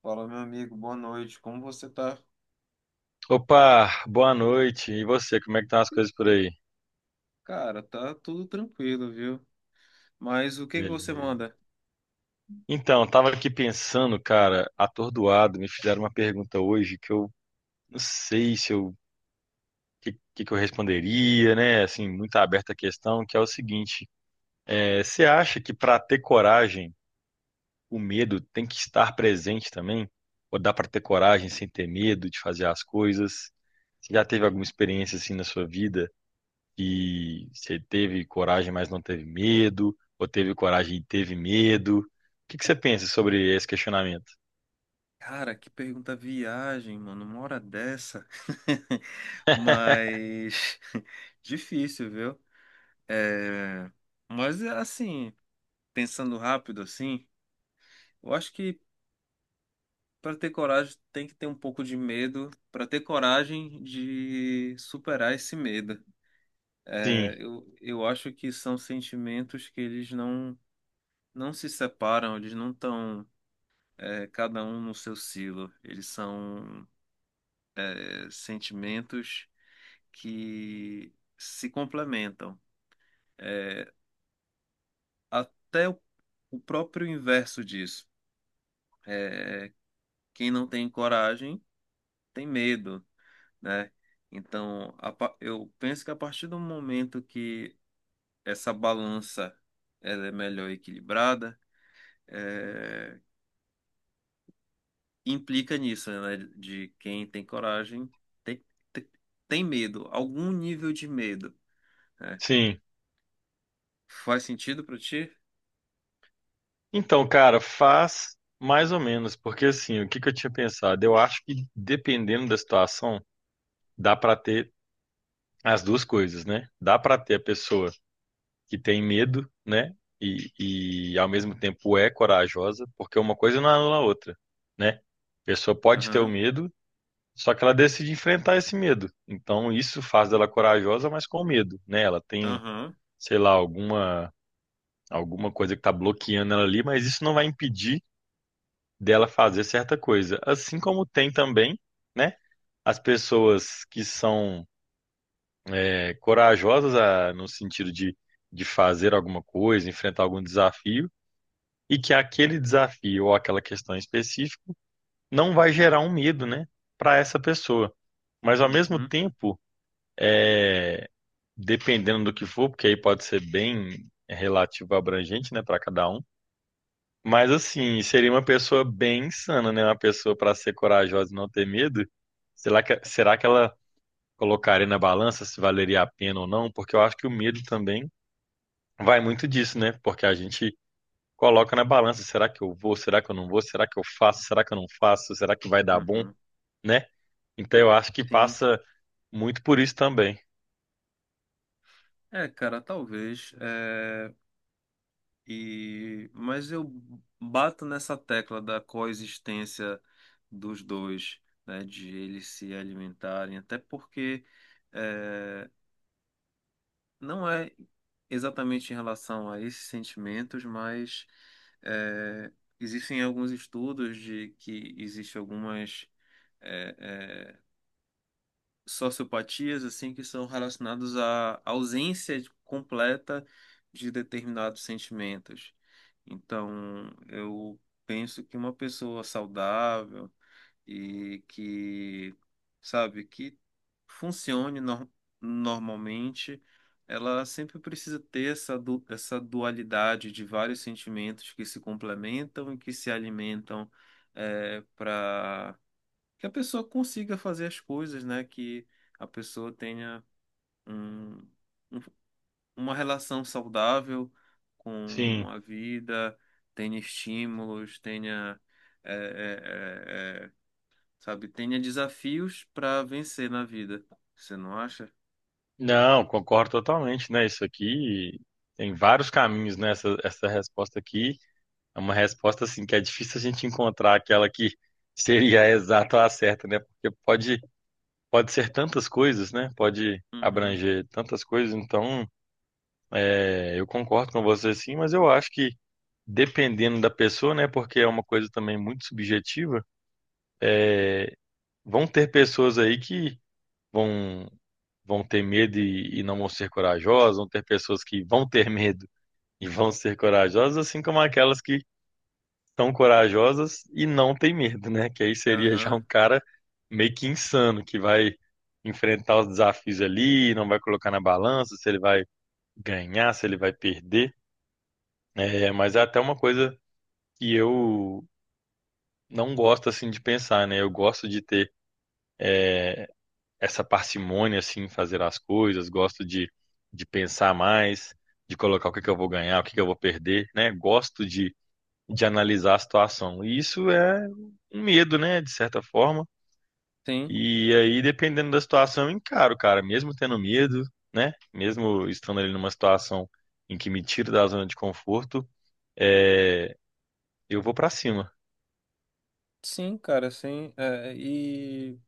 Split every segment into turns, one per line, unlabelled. Fala, meu amigo, boa noite. Como você tá?
Opa, boa noite. E você, como é que estão as coisas por aí?
Cara, tá tudo tranquilo, viu? Mas o que que você
Beleza.
manda?
Então, tava aqui pensando, cara, atordoado, me fizeram uma pergunta hoje que eu não sei se eu que eu responderia, né? Assim, muito aberta a questão, que é o seguinte: você acha que para ter coragem, o medo tem que estar presente também? Ou dá para ter coragem sem ter medo de fazer as coisas? Você já teve alguma experiência assim na sua vida? Que você teve coragem, mas não teve medo, ou teve coragem e teve medo? O que que você pensa sobre esse questionamento?
Cara, que pergunta viagem, mano, uma hora dessa. Mas difícil, viu? É... Mas é assim, pensando rápido assim, eu acho que para ter coragem tem que ter um pouco de medo, para ter coragem de superar esse medo.
Sim,
Eu acho que são sentimentos que eles não se separam, eles não estão cada um no seu silo. Eles são sentimentos que se complementam. É, até o próprio inverso disso. É, quem não tem coragem tem medo, né? Então, eu penso que a partir do momento que essa balança ela é melhor equilibrada, eh, implica nisso, né? De quem tem coragem tem, tem, tem medo, algum nível de medo. É.
sim.
Faz sentido pra ti?
Então, cara, faz mais ou menos, porque assim, o que que eu tinha pensado? Eu acho que dependendo da situação, dá pra ter as duas coisas, né? Dá pra ter a pessoa que tem medo, né? E ao mesmo tempo é corajosa, porque uma coisa não anula a outra, né? A pessoa pode ter o
Aham,
medo. Só que ela decide enfrentar esse medo. Então isso faz dela corajosa, mas com medo, né? Ela tem,
aham,
sei lá, alguma coisa que tá bloqueando ela ali, mas isso não vai impedir dela fazer certa coisa. Assim como tem também, né? As pessoas que são corajosas a- no sentido de fazer alguma coisa, enfrentar algum desafio, e que aquele desafio ou aquela questão específica não vai gerar um medo, né? Para essa pessoa. Mas ao mesmo
uhum,
tempo dependendo do que for, porque aí pode ser bem relativo abrangente, né, para cada um. Mas assim, seria uma pessoa bem insana, né? Uma pessoa para ser corajosa e não ter medo. Será que ela colocaria na balança se valeria a pena ou não? Porque eu acho que o medo também vai muito disso, né? Porque a gente coloca na balança, será que eu vou? Será que eu não vou? Será que eu faço? Será que eu não faço? Será que vai dar bom,
uhum.
né? Então eu acho que
Sim.
passa muito por isso também.
É, cara, talvez. Mas eu bato nessa tecla da coexistência dos dois, né? De eles se alimentarem, até porque. é, não é exatamente em relação a esses sentimentos, mas é, existem alguns estudos de que existe algumas eh, eh, sociopatias assim que são relacionados à completa de determinados sentimentos. Então, eu penso que uma pessoa saudável e que, sabe, que funcione nor- normalmente, ela sempre precisa ter essa dualidade de vários sentimentos que se complementam e que se alimentam que a pessoa consiga fazer as coisas, né? Que a pessoa tenha um, um- uma relação saudável com
Sim.
a vida, tenha estímulos, tenha, é, é, é, é, sabe, tenha desafios para vencer na vida. Você não acha?
Não, concordo totalmente, né? Isso aqui tem vários caminhos, né? Essa resposta aqui é uma resposta assim que é difícil a gente encontrar aquela que seria a exata ou a certa, né? Porque pode, pode ser tantas coisas, né? Pode
Uhum.
abranger tantas coisas. Então, eu concordo com você sim, mas eu acho que dependendo da pessoa, né? Porque é uma coisa também muito subjetiva. é, Vão ter pessoas aí que vão vão ter medo e não vão ser corajosas, vão ter pessoas que vão ter medo e vão ser corajosas, assim como aquelas que são corajosas e não têm medo, né? Que aí seria já um
Aham.
cara meio que insano, que vai enfrentar os desafios ali, não vai colocar na balança se ele vai ganhar, se ele vai perder. É, mas é até uma coisa que eu não gosto assim de pensar, né? Eu gosto de ter essa parcimônia assim em fazer as coisas, gosto de pensar mais, de colocar o que é que eu vou ganhar, o que é que eu vou perder, né? Gosto de analisar a situação. E isso é um medo, né, de certa forma.
Sim,
E aí, dependendo da situação, eu encaro, cara, mesmo tendo medo, né? Mesmo estando ali numa situação em que me tira da zona de conforto, é, eu vou pra cima.
sim, cara, sim. É, e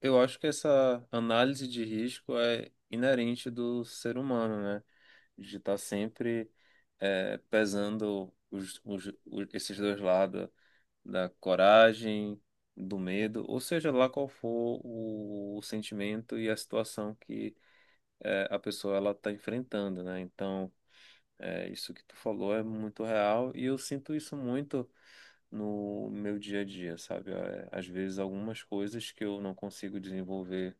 eu acho que essa análise de risco é inerente do ser humano, né? De estar sempre pesando esses dois lados da coragem, do medo, ou seja lá qual for o sentimento e a situação que a pessoa ela está enfrentando, né? Então, isso que tu falou é muito real e eu sinto isso muito no meu dia a dia, sabe? É, às vezes algumas coisas que eu não consigo desenvolver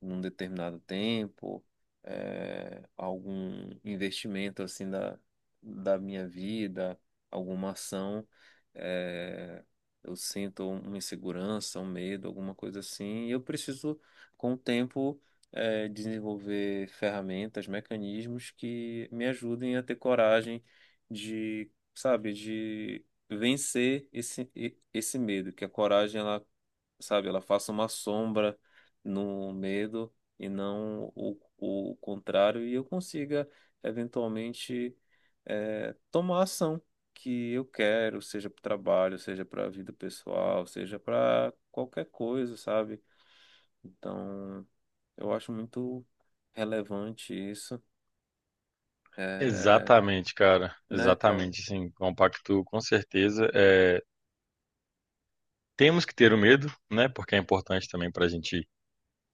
num determinado tempo, algum investimento assim da minha vida, alguma ação, eh, eu sinto uma insegurança, um medo, alguma coisa assim, e eu preciso, com o tempo, desenvolver ferramentas, mecanismos que me ajudem a ter coragem de, sabe, de vencer esse medo, que a coragem ela sabe? Ela faça uma sombra no medo e não o contrário, e eu consiga eventualmente tomar a ação que eu quero, seja para o trabalho, seja para a vida pessoal, seja para qualquer coisa, sabe? Então, eu acho muito relevante isso, é
Exatamente, cara.
né, cara?
Exatamente, sim, compacto com certeza. É, temos que ter o medo, né? Porque é importante também para a gente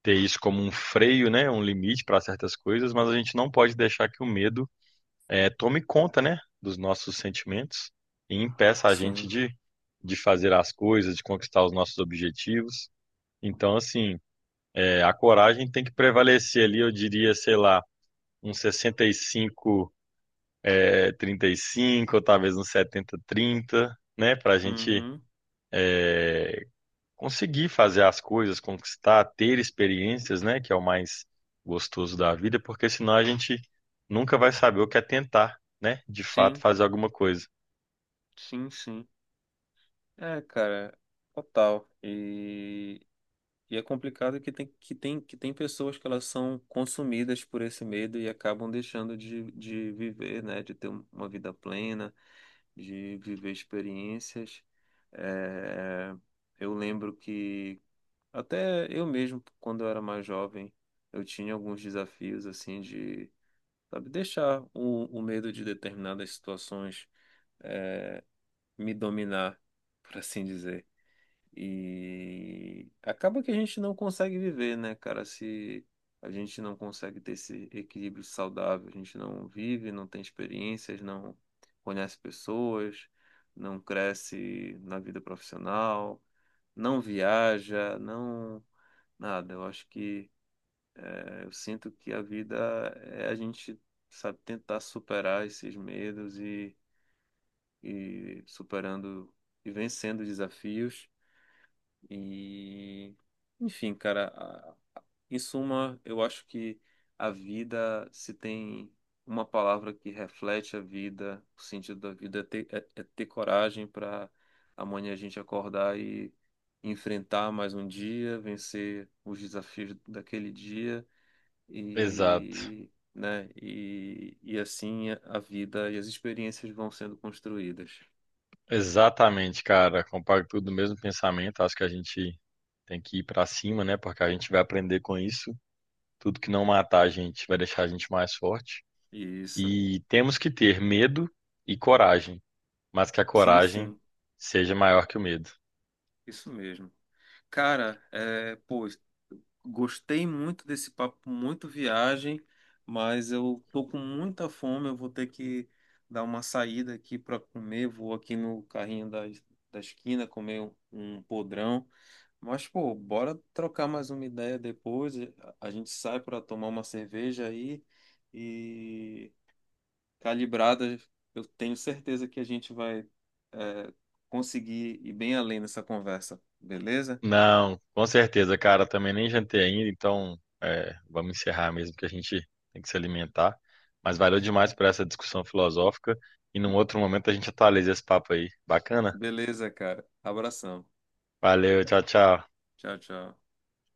ter isso como um freio, né? Um limite para certas coisas, mas a gente não pode deixar que o medo tome conta, né? Dos nossos sentimentos e impeça a gente
Sim.
de fazer as coisas, de conquistar os nossos objetivos. Então, assim, a coragem tem que prevalecer ali, eu diria, sei lá, um 65, 35, ou talvez um 70, 30, né? Para a gente
Uhum.
conseguir fazer as coisas, conquistar, ter experiências, né, que é o mais gostoso da vida, porque senão a gente nunca vai saber o que é tentar, né, de fato
Sim,
fazer alguma coisa.
sim, sim. É, cara, total. E é complicado que tem pessoas que elas são consumidas por esse medo e acabam deixando de viver, né? De ter uma vida plena, de viver experiências. É, eu lembro que até eu mesmo, quando eu era mais jovem, eu tinha alguns desafios assim de, sabe, deixar o medo de determinadas situações me dominar, por assim dizer. E acaba que a gente não consegue viver, né, cara? Se a gente não consegue ter esse equilíbrio saudável, a gente não vive, não tem experiências, não conhece pessoas, não cresce na vida profissional, não viaja, não nada. Eu acho que eu sinto que a vida é a gente, sabe, tentar superar esses medos e superando e vencendo desafios E, enfim, cara, em suma, eu acho que a vida, se tem uma palavra que reflete a vida, o sentido da vida, é ter, é ter coragem para amanhã a gente acordar e enfrentar mais um dia, vencer os desafios daquele dia
Exato.
e, né, e assim a vida e as experiências vão sendo construídas.
Exatamente, cara. Compacto tudo no mesmo pensamento. Acho que a gente tem que ir pra cima, né, porque a gente vai aprender com isso. Tudo que não matar a gente vai deixar a gente mais forte.
Isso.
E temos que ter medo e coragem, mas que a
Sim,
coragem
sim,
seja maior que o medo.
isso mesmo. Cara, é, pô, gostei muito desse papo, muito viagem, mas eu tô com muita fome, eu vou ter que dar uma saída aqui para comer, vou aqui no carrinho da, da esquina comer um podrão. Mas, pô, bora trocar mais uma ideia depois, a gente sai para tomar uma cerveja aí e calibrada, eu tenho certeza que a gente vai, é, conseguir ir bem além nessa conversa, beleza?
Não, com certeza, cara. Também nem jantei ainda, então é, vamos encerrar mesmo, que a gente tem que se alimentar. Mas valeu demais por essa discussão filosófica. E num outro momento a gente atualiza esse papo aí. Bacana?
Beleza, cara. Abração.
Valeu, tchau, tchau.
Tchau, tchau.